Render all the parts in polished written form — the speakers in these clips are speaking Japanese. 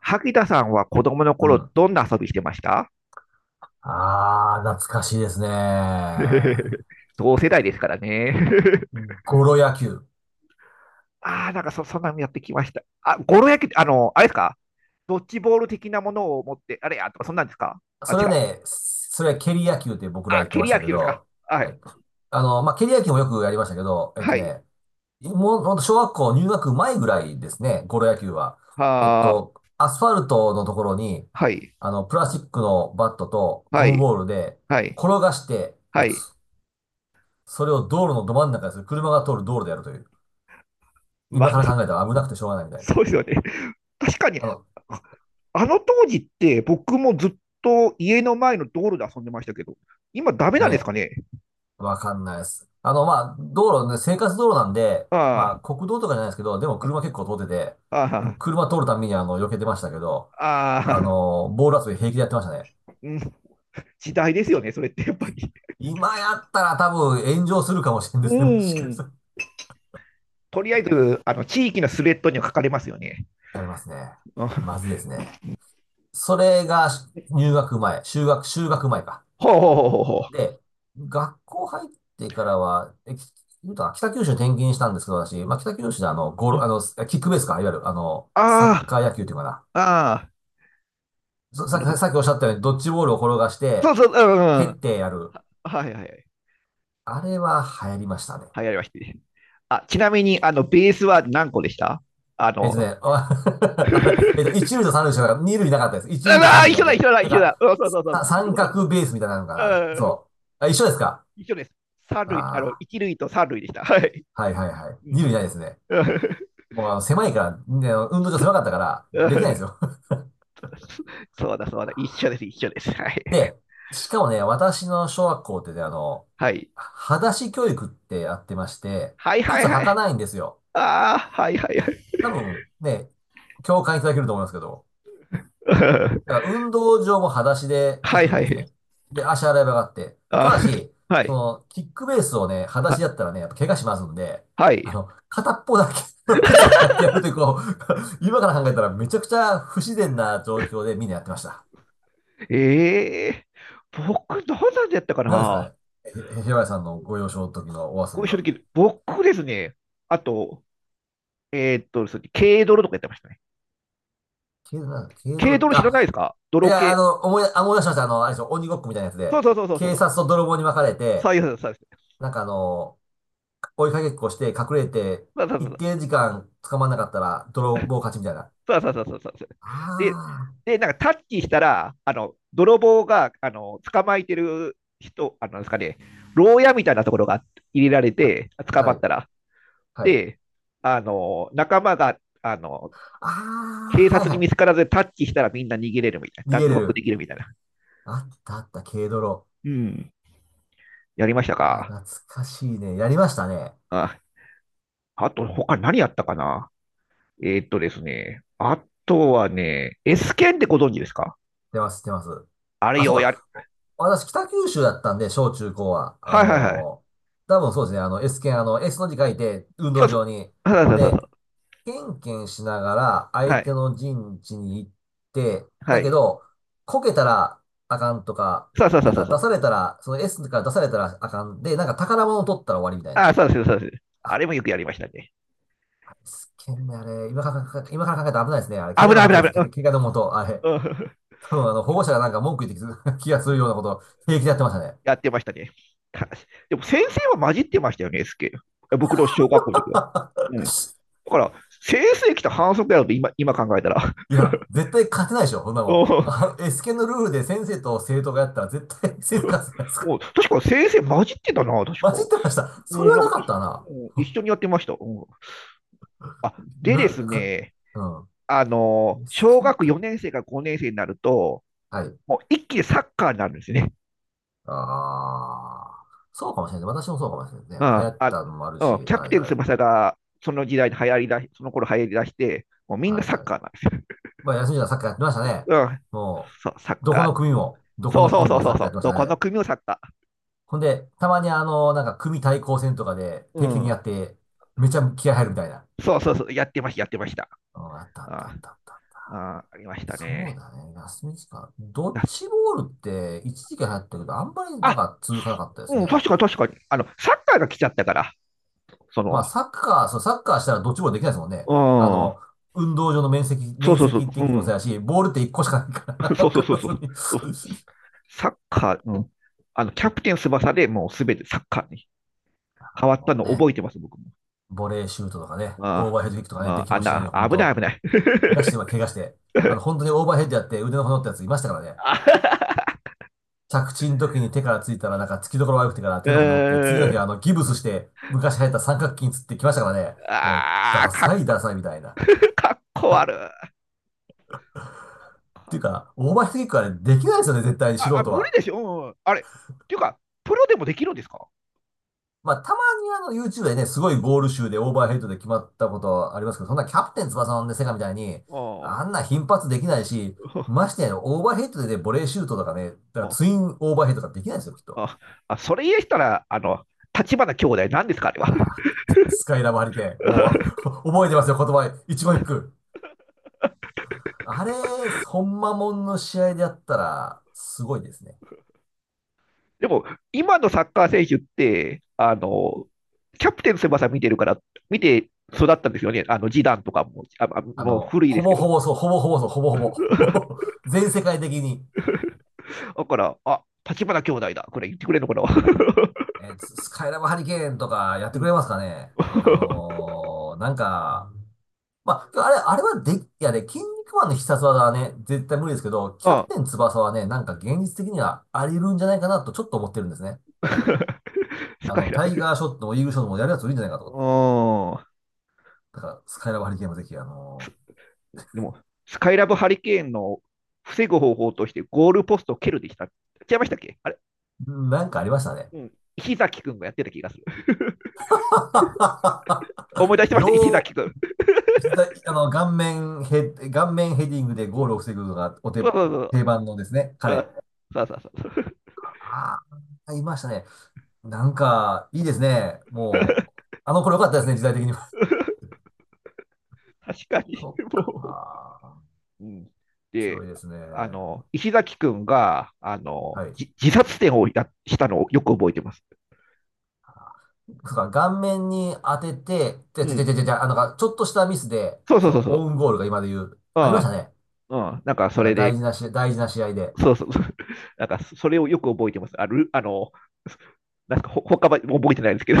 萩田さんは子供のうん。頃、どんな遊びしてました？ 懐かしいですね。同世代ですからね。ゴロ野球。ああ、なんかそんなのやってきました。ゴロ焼き、あれですか？ドッジボール的なものを持って、あれや、とか、そんなんですかあ、違う。それは蹴り野球って僕らあ、言って蹴まりした野け球ですか？ど、ははい。い、蹴り野球もよくやりましたけど、はい。もうほんと小学校入学前ぐらいですね、ゴロ野球は。はー。アスファルトのところに、はい。プラスチックのバットとはゴムい。ボールではい。転がしては打つ。い。それを道路のど真ん中でする。車が通る道路でやるという。ま今あ、から 考えたら危なくてしょうがないみたいな。そうですよね。確かに、あの、あ当時って僕もずっと家の前の道路で遊んでましたけど、今ダメなねんですえかね？わかんないです。道路ね、生活道路なんで、あまあ、国道とかじゃないですけど、でもあ、車結構通ってて、あうん、あ、車通るたびに避けてましたけど、ああ、ボール遊び平気でやってましたね。うん、時代ですよね、それってやっぱり。今やったら多分炎上するかもしれんでうすね、もしかしん。たら。わとりあえず、あの地域のスレッドには書かれますよね。かりますね。うん。まずいですね。それが入学前、修学前か。ほうほうほうほうほう。で、学校入ってからは、言うたら北九州転勤したんですけど、私、まあ、北九州であの、ゴール、ああの、キックベースか、いわゆる、あの、サッあカー野球っていうかな。あー、あ、そなさっるほき、ど。さっきおっしゃったように、ドッジボールを転がしそて、うそう、う蹴ん、うっん。はてやる。いはいはい。あれは流行りましたね。はい、ありましたね。あ、ちなみに、ベースは何個でした？あえっとの、ね、あ あ れ、えっと、一塁と三塁しかなかった、二塁なかったです。一う塁とわ三ー塁一だ緒だ、一け。緒だ、なん一緒か、だ。うん、そうそうそうそう。うち三もそうでし角ベースみたいなのかた。な、あれ。うん、そう。あ、一緒ですか？一緒です。三類あの、あ一類と三類でした。はい。あー、はいはいはい。二塁ないですね。うんもうあの狭いから、ね、運動場狭かったから、うん。 できないんで すよ。そうだ、そうだ。一緒です、一緒です。は い。で、しかもね、私の小学校ってね、あの、はい。裸足教育ってやってまして、はいは靴いは履い。かないんですよ。ああ、はいはいはい。多分ね、共感いただけると思いますけど、だから 運動場も裸足で行はいくんはですい。ね。で、足洗い場があって。たあだー、し、はそい。の、キックベースをね、裸足あ、だったらね、やっぱ怪我しますんで、はあい。の、片っぽだけ の靴を履いてやるという、こう、今から考えたらめちゃくちゃ不自然な状況でみんなやってました。ええー僕、どうなんでやったか何ですかな？ね。平林さんのご幼少の時のお遊ごび正は。時僕ですね。あと、そう軽泥とかやってましたね。軽泥なんだ、軽軽泥っ泥て、知らないですあ、か？泥系。思い出しました。あの、あれでしょ、鬼ごっこみたいなやつそうで、そうそうそうそ警う。察と泥棒に分かれそて、ういうそうです。そうです。なんかあの、追いかけっこして隠れて、一定時間捕まんなかったら泥棒勝ちみたいな。そうそうそうそうそうそう。で、あで、なんかタッチしたら、泥棒が、捕まえてる人、なんですかね、牢屋みたいなところが入れられあ、は、て、捕まはっい、たら。はい。で、仲間が、ああ、警はい察には見つからずタッチしたらみんな逃げれるみたいい。逃な。げ脱れ獄でる。きるみたいな。あったあった、軽泥。うん。やりましたあか？あ、懐かしいね。やりましたね。あ、あと、他何やったかな？えーっとですね。あとはね、S 剣ってご存知ですか？出ます、出ます。あれあ、そうよ、やる。か。私、北九州だったんで、小中高は。あはいはいはい。のー多分そうですね。あの、S 剣、あの、S の字書いて、運そ動うです。場に。そうほんそうそうそで、う。ケンケンしながら、相は手い。の陣地に行って、はだけい。ど、こけたらあかんとか、そうそうそなうんそうかそ出う。されたら、その S から出されたらあかんで、なんか宝物を取ったら終わりみたいああ、な。そうです、そうです。ああ、れもよくやりましたね。S 剣ね、あれ、今から今から考えたら危ないですね。あれ、怪危我のない、も危とない、です。危ない。怪我のもと、あれ。うんうん。 多分あの、保護者がなんか文句言ってき 気がするようなことを平気でやってましたね。やってましたね。かでも先生は混じってましたよね、SK。僕の小学校の時は。うん。だから、先生来た反則やろと今考えたら。いや、絶対勝てないでしょ、こんな うもん。んあの、S ケのルールで先生と生徒がやったら絶対先生勝つじゃないですうか。ん。確か先生混じってたな、確か。混じってました。うそん、れはなんなかかっい、たな。うん、一緒にやってました。うん、あ、でで今、すか、ね、うん。S ケ小だっ学たな。4年生から5年生になると、はい。もう一気にサッカーになるんですね。ああ、そうかもしれない。私もそうかもしれないね。流行あっあ、たのもあるうん。し、キャプはいテンはい。翼がその時代に流行りだし、その頃流行りだして、もうみんなはいサッはい。カーなんですよ。まあ、休みじゃサッカーやってましたね。うん、もそう、サッう、どこのカー。組も、どこそうのそう組そもうそサッうカそーやっう、てましどこたのね。組もサッカほんで、たまにあの、なんか組対抗戦とかでー。う定期的にん、やって、めちゃ気合入るみたいな。そうそうそう、やってました、やってました。うん、あったあったああったあった。あ、ありましたそうね。だね。休み時間。ドッなジボールって一時期流行ったけど、あんまりなんあ、か続かなかったですうね。ん、確かに確かに。サッカーが来ちゃったから、そまの、あサッカー、そう、サッカーしたらドッジボールできないですもんね。うあん、の、運動場の面積、そう面そうそう、積う的にもそん、うやし、ボールって一個しかないから、そうわそうかそうらそう、ずに。うん、サッカー、うん、キャプテン翼でもうすべてサッカーに変あわったものうね、覚えてます、僕も。ボレーシュートとかね、オーあバーヘッドキックとかあ、ね、であきあ、あんもしないで、な、ほん危ないと。危ない。怪我して、怪我して、あの、本当 にオーバーヘッドやって腕の骨折ったやついましたからね。あ 着地の時に手からついたら、なんか突きどころ悪くてからう手の骨折って、次のー日あん、の、ギブスして、昔流行った三角筋つってきましたからね。もう、ああ、ダかっ、サいダサいみたいな。っ かっこ悪い。あ、ていうか、オーバーヘッドキックはね、できないですよね、絶対に素あ、人無理は。でしょ。うんあれ、っていうか、プロでもできるんですか？まあ、たまにあの、YouTube でね、すごいゴール集でオーバーヘッドで決まったことはありますけど、そんなキャプテン翼のね、セガみたいに、ああんな頻発できないし、ましてや、オーバーヘッドでね、ボレーシュートとかね、だからあ、ツインオーバーヘッドとかできないですよ、きっと。あ、あ、それ言えしたら、立花兄弟なんですか、あれは。ああ、スカイラブハリケーン。もうわ、覚えてますよ、言葉。一言一句。あれ、本間まもんの試合でやったら、すごいですね。でも、今のサッカー選手って、キャプテン翼見てるから、見て育ったんですよね。ジダンとかも、あもうの、古いですけど。ほぼほ ぼ。全世界的に、だから、あ、立花兄弟だ。これ言ってくれるのかな？ スカイラブハリケーンとかやっうてくん れますかね。あ のーなんか、まあ、あれ、あれはで、いやね、筋肉マンの必殺技はね、絶対無理ですけど、キャあ プテン翼はね、なんか現実的にはあり得るんじゃないかなとちょっと思ってるんですね。スあカの、イラタブ。イうガーショットもイーグルショットもやるやついるんじゃないかと。だから、スカイラブハリケーンもぜひ、あのん。でも、スカイラブハリケーンの防ぐ方法としてゴールポストを蹴るでした。違いましたっけ？あれ？ー、なんかありましたね。うん。石崎くんがやってた気がする。思い出してました、石よう、崎くん。あの、顔面ヘディングでゴールを防ぐのがお 手、そうそうそ定番のですね、う。うん、彼。そうそうそう。ああ、いましたね。なんか、いいですね。もう、あの頃良かったですね、時代的にも。確か に、そっか、も面う。うん、白で、いですね。石崎くんが、はい。そ自殺点をやしたのをよく覚えてます。うか、顔面に当てて、うん。あの、なんか、ちょっとしたミスで、そうそうそそうう、そう。オウンゴールが今で言う、ありましたあね。あ、うん。なんかそれで、大事な試合で。そうそうそう。なんかそれをよく覚えてます。ある、あの、なんか他は覚えてないんですけど、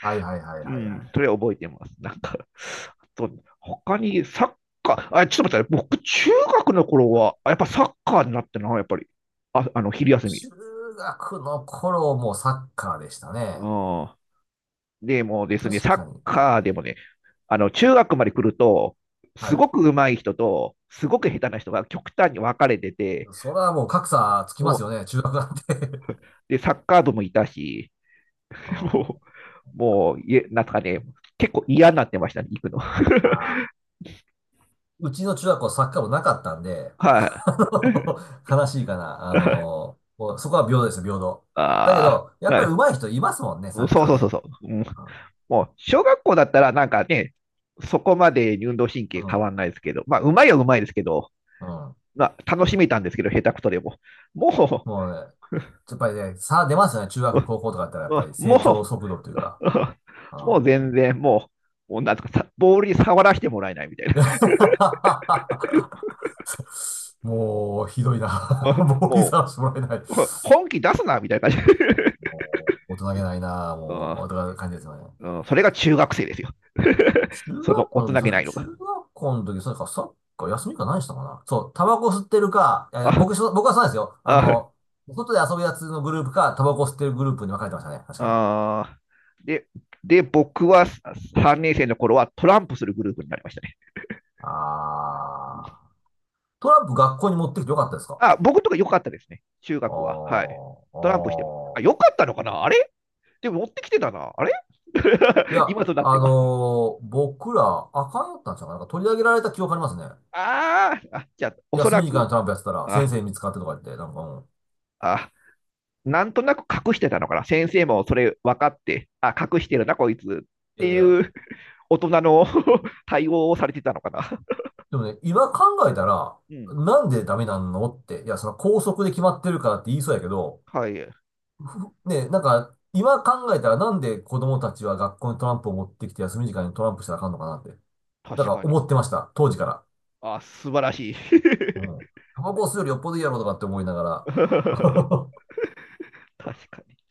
はいはいはい うはいはん、い。それは覚えてます。なんか、あと、他にサッカー、あ、ちょっと待って、僕、中学の頃は、やっぱサッカーになってな、やっぱり。あ、昼休み。中学の頃もサッカーでしたね。うん。でもですね、確サかッに。カーでもね、中学まで来ると、はすごい。く上手い人と、すごく下手な人が極端に分かれてて、それはもう格差つきまおすよね、中学なんて で、サッカー部もいたし、う もん。う、もう、なんかね、結構嫌になってましたね、行くの。あ ー、うちの中学校サッカー部なかったんで、はい。あの悲しいかな。あ の、もうそこは平等ですよ、平等。だけあど、やあ、っはぱりい。上手い人いますもんね、そサうッカーそうそね。うそう。うん、うん。もう、小学校だったらなんかね、そこまで運動神う経変ん。わんないですけど、まあ、うまいはうまいですけど、うん、まあ、楽しめたんですけど、下手くそでも。ももうね、やっぱりね、差出ますよね、中学、う、高校とかだったら、やっぱり も成長う、速度というか。うもうん 全然、もう、もうなんとかさ、ボールに触らせてもらえないみたいな。もう、ひどいな。ボーイも さらしてもらえない。本気出すな、みたいな感じ。もう、大人げないな。うもう、ん大人感じですよね。うん、それが中学生ですよ その大人げないの中が。学校の時、そうか、サッカー休みか何したかな。そう、タバコ吸ってるか、あ僕はそうなんですよ。ああの、外で遊ぶやつのグループか、タバコ吸ってるグループに分かれてましたね。確かに。あでで、僕は3年生の頃はトランプするグループになりましたね。あー。トランプ学校に持ってきてよかったですか？僕とか良かったですね、中あー、学は。はあい。トランプしてる。ー。あ、良かったのかな？あれ？でも持ってきてたな。あれ いや、今となってあは。のー僕ら、あかんやったんちゃうかな。なんか取り上げられた記憶ありますね。ああ、じゃあ、おそ休らみ時間く、にトランプやってたら、先あ、生に見つかってとか言って、なんかもあ、なんとなく隠してたのかな。先生もそれ分かって、あ、隠してるな、こいつっう、いてやいや、いう 大人の 対応をされてたのかな。でもね、今考えたら、うん。なんでダメなんのって、いや、その校則で決まってるからって言いそうやけど、はい、ね、なんか、今考えたらなんで子供たちは学校にトランプを持ってきて休み時間にトランプしたらあかんのかなって、なん確かかに。思ってました。当時から。あ、素晴らしい。う ん。タバコ吸うよりよっぽどいいやろとかって思いながら。確かに。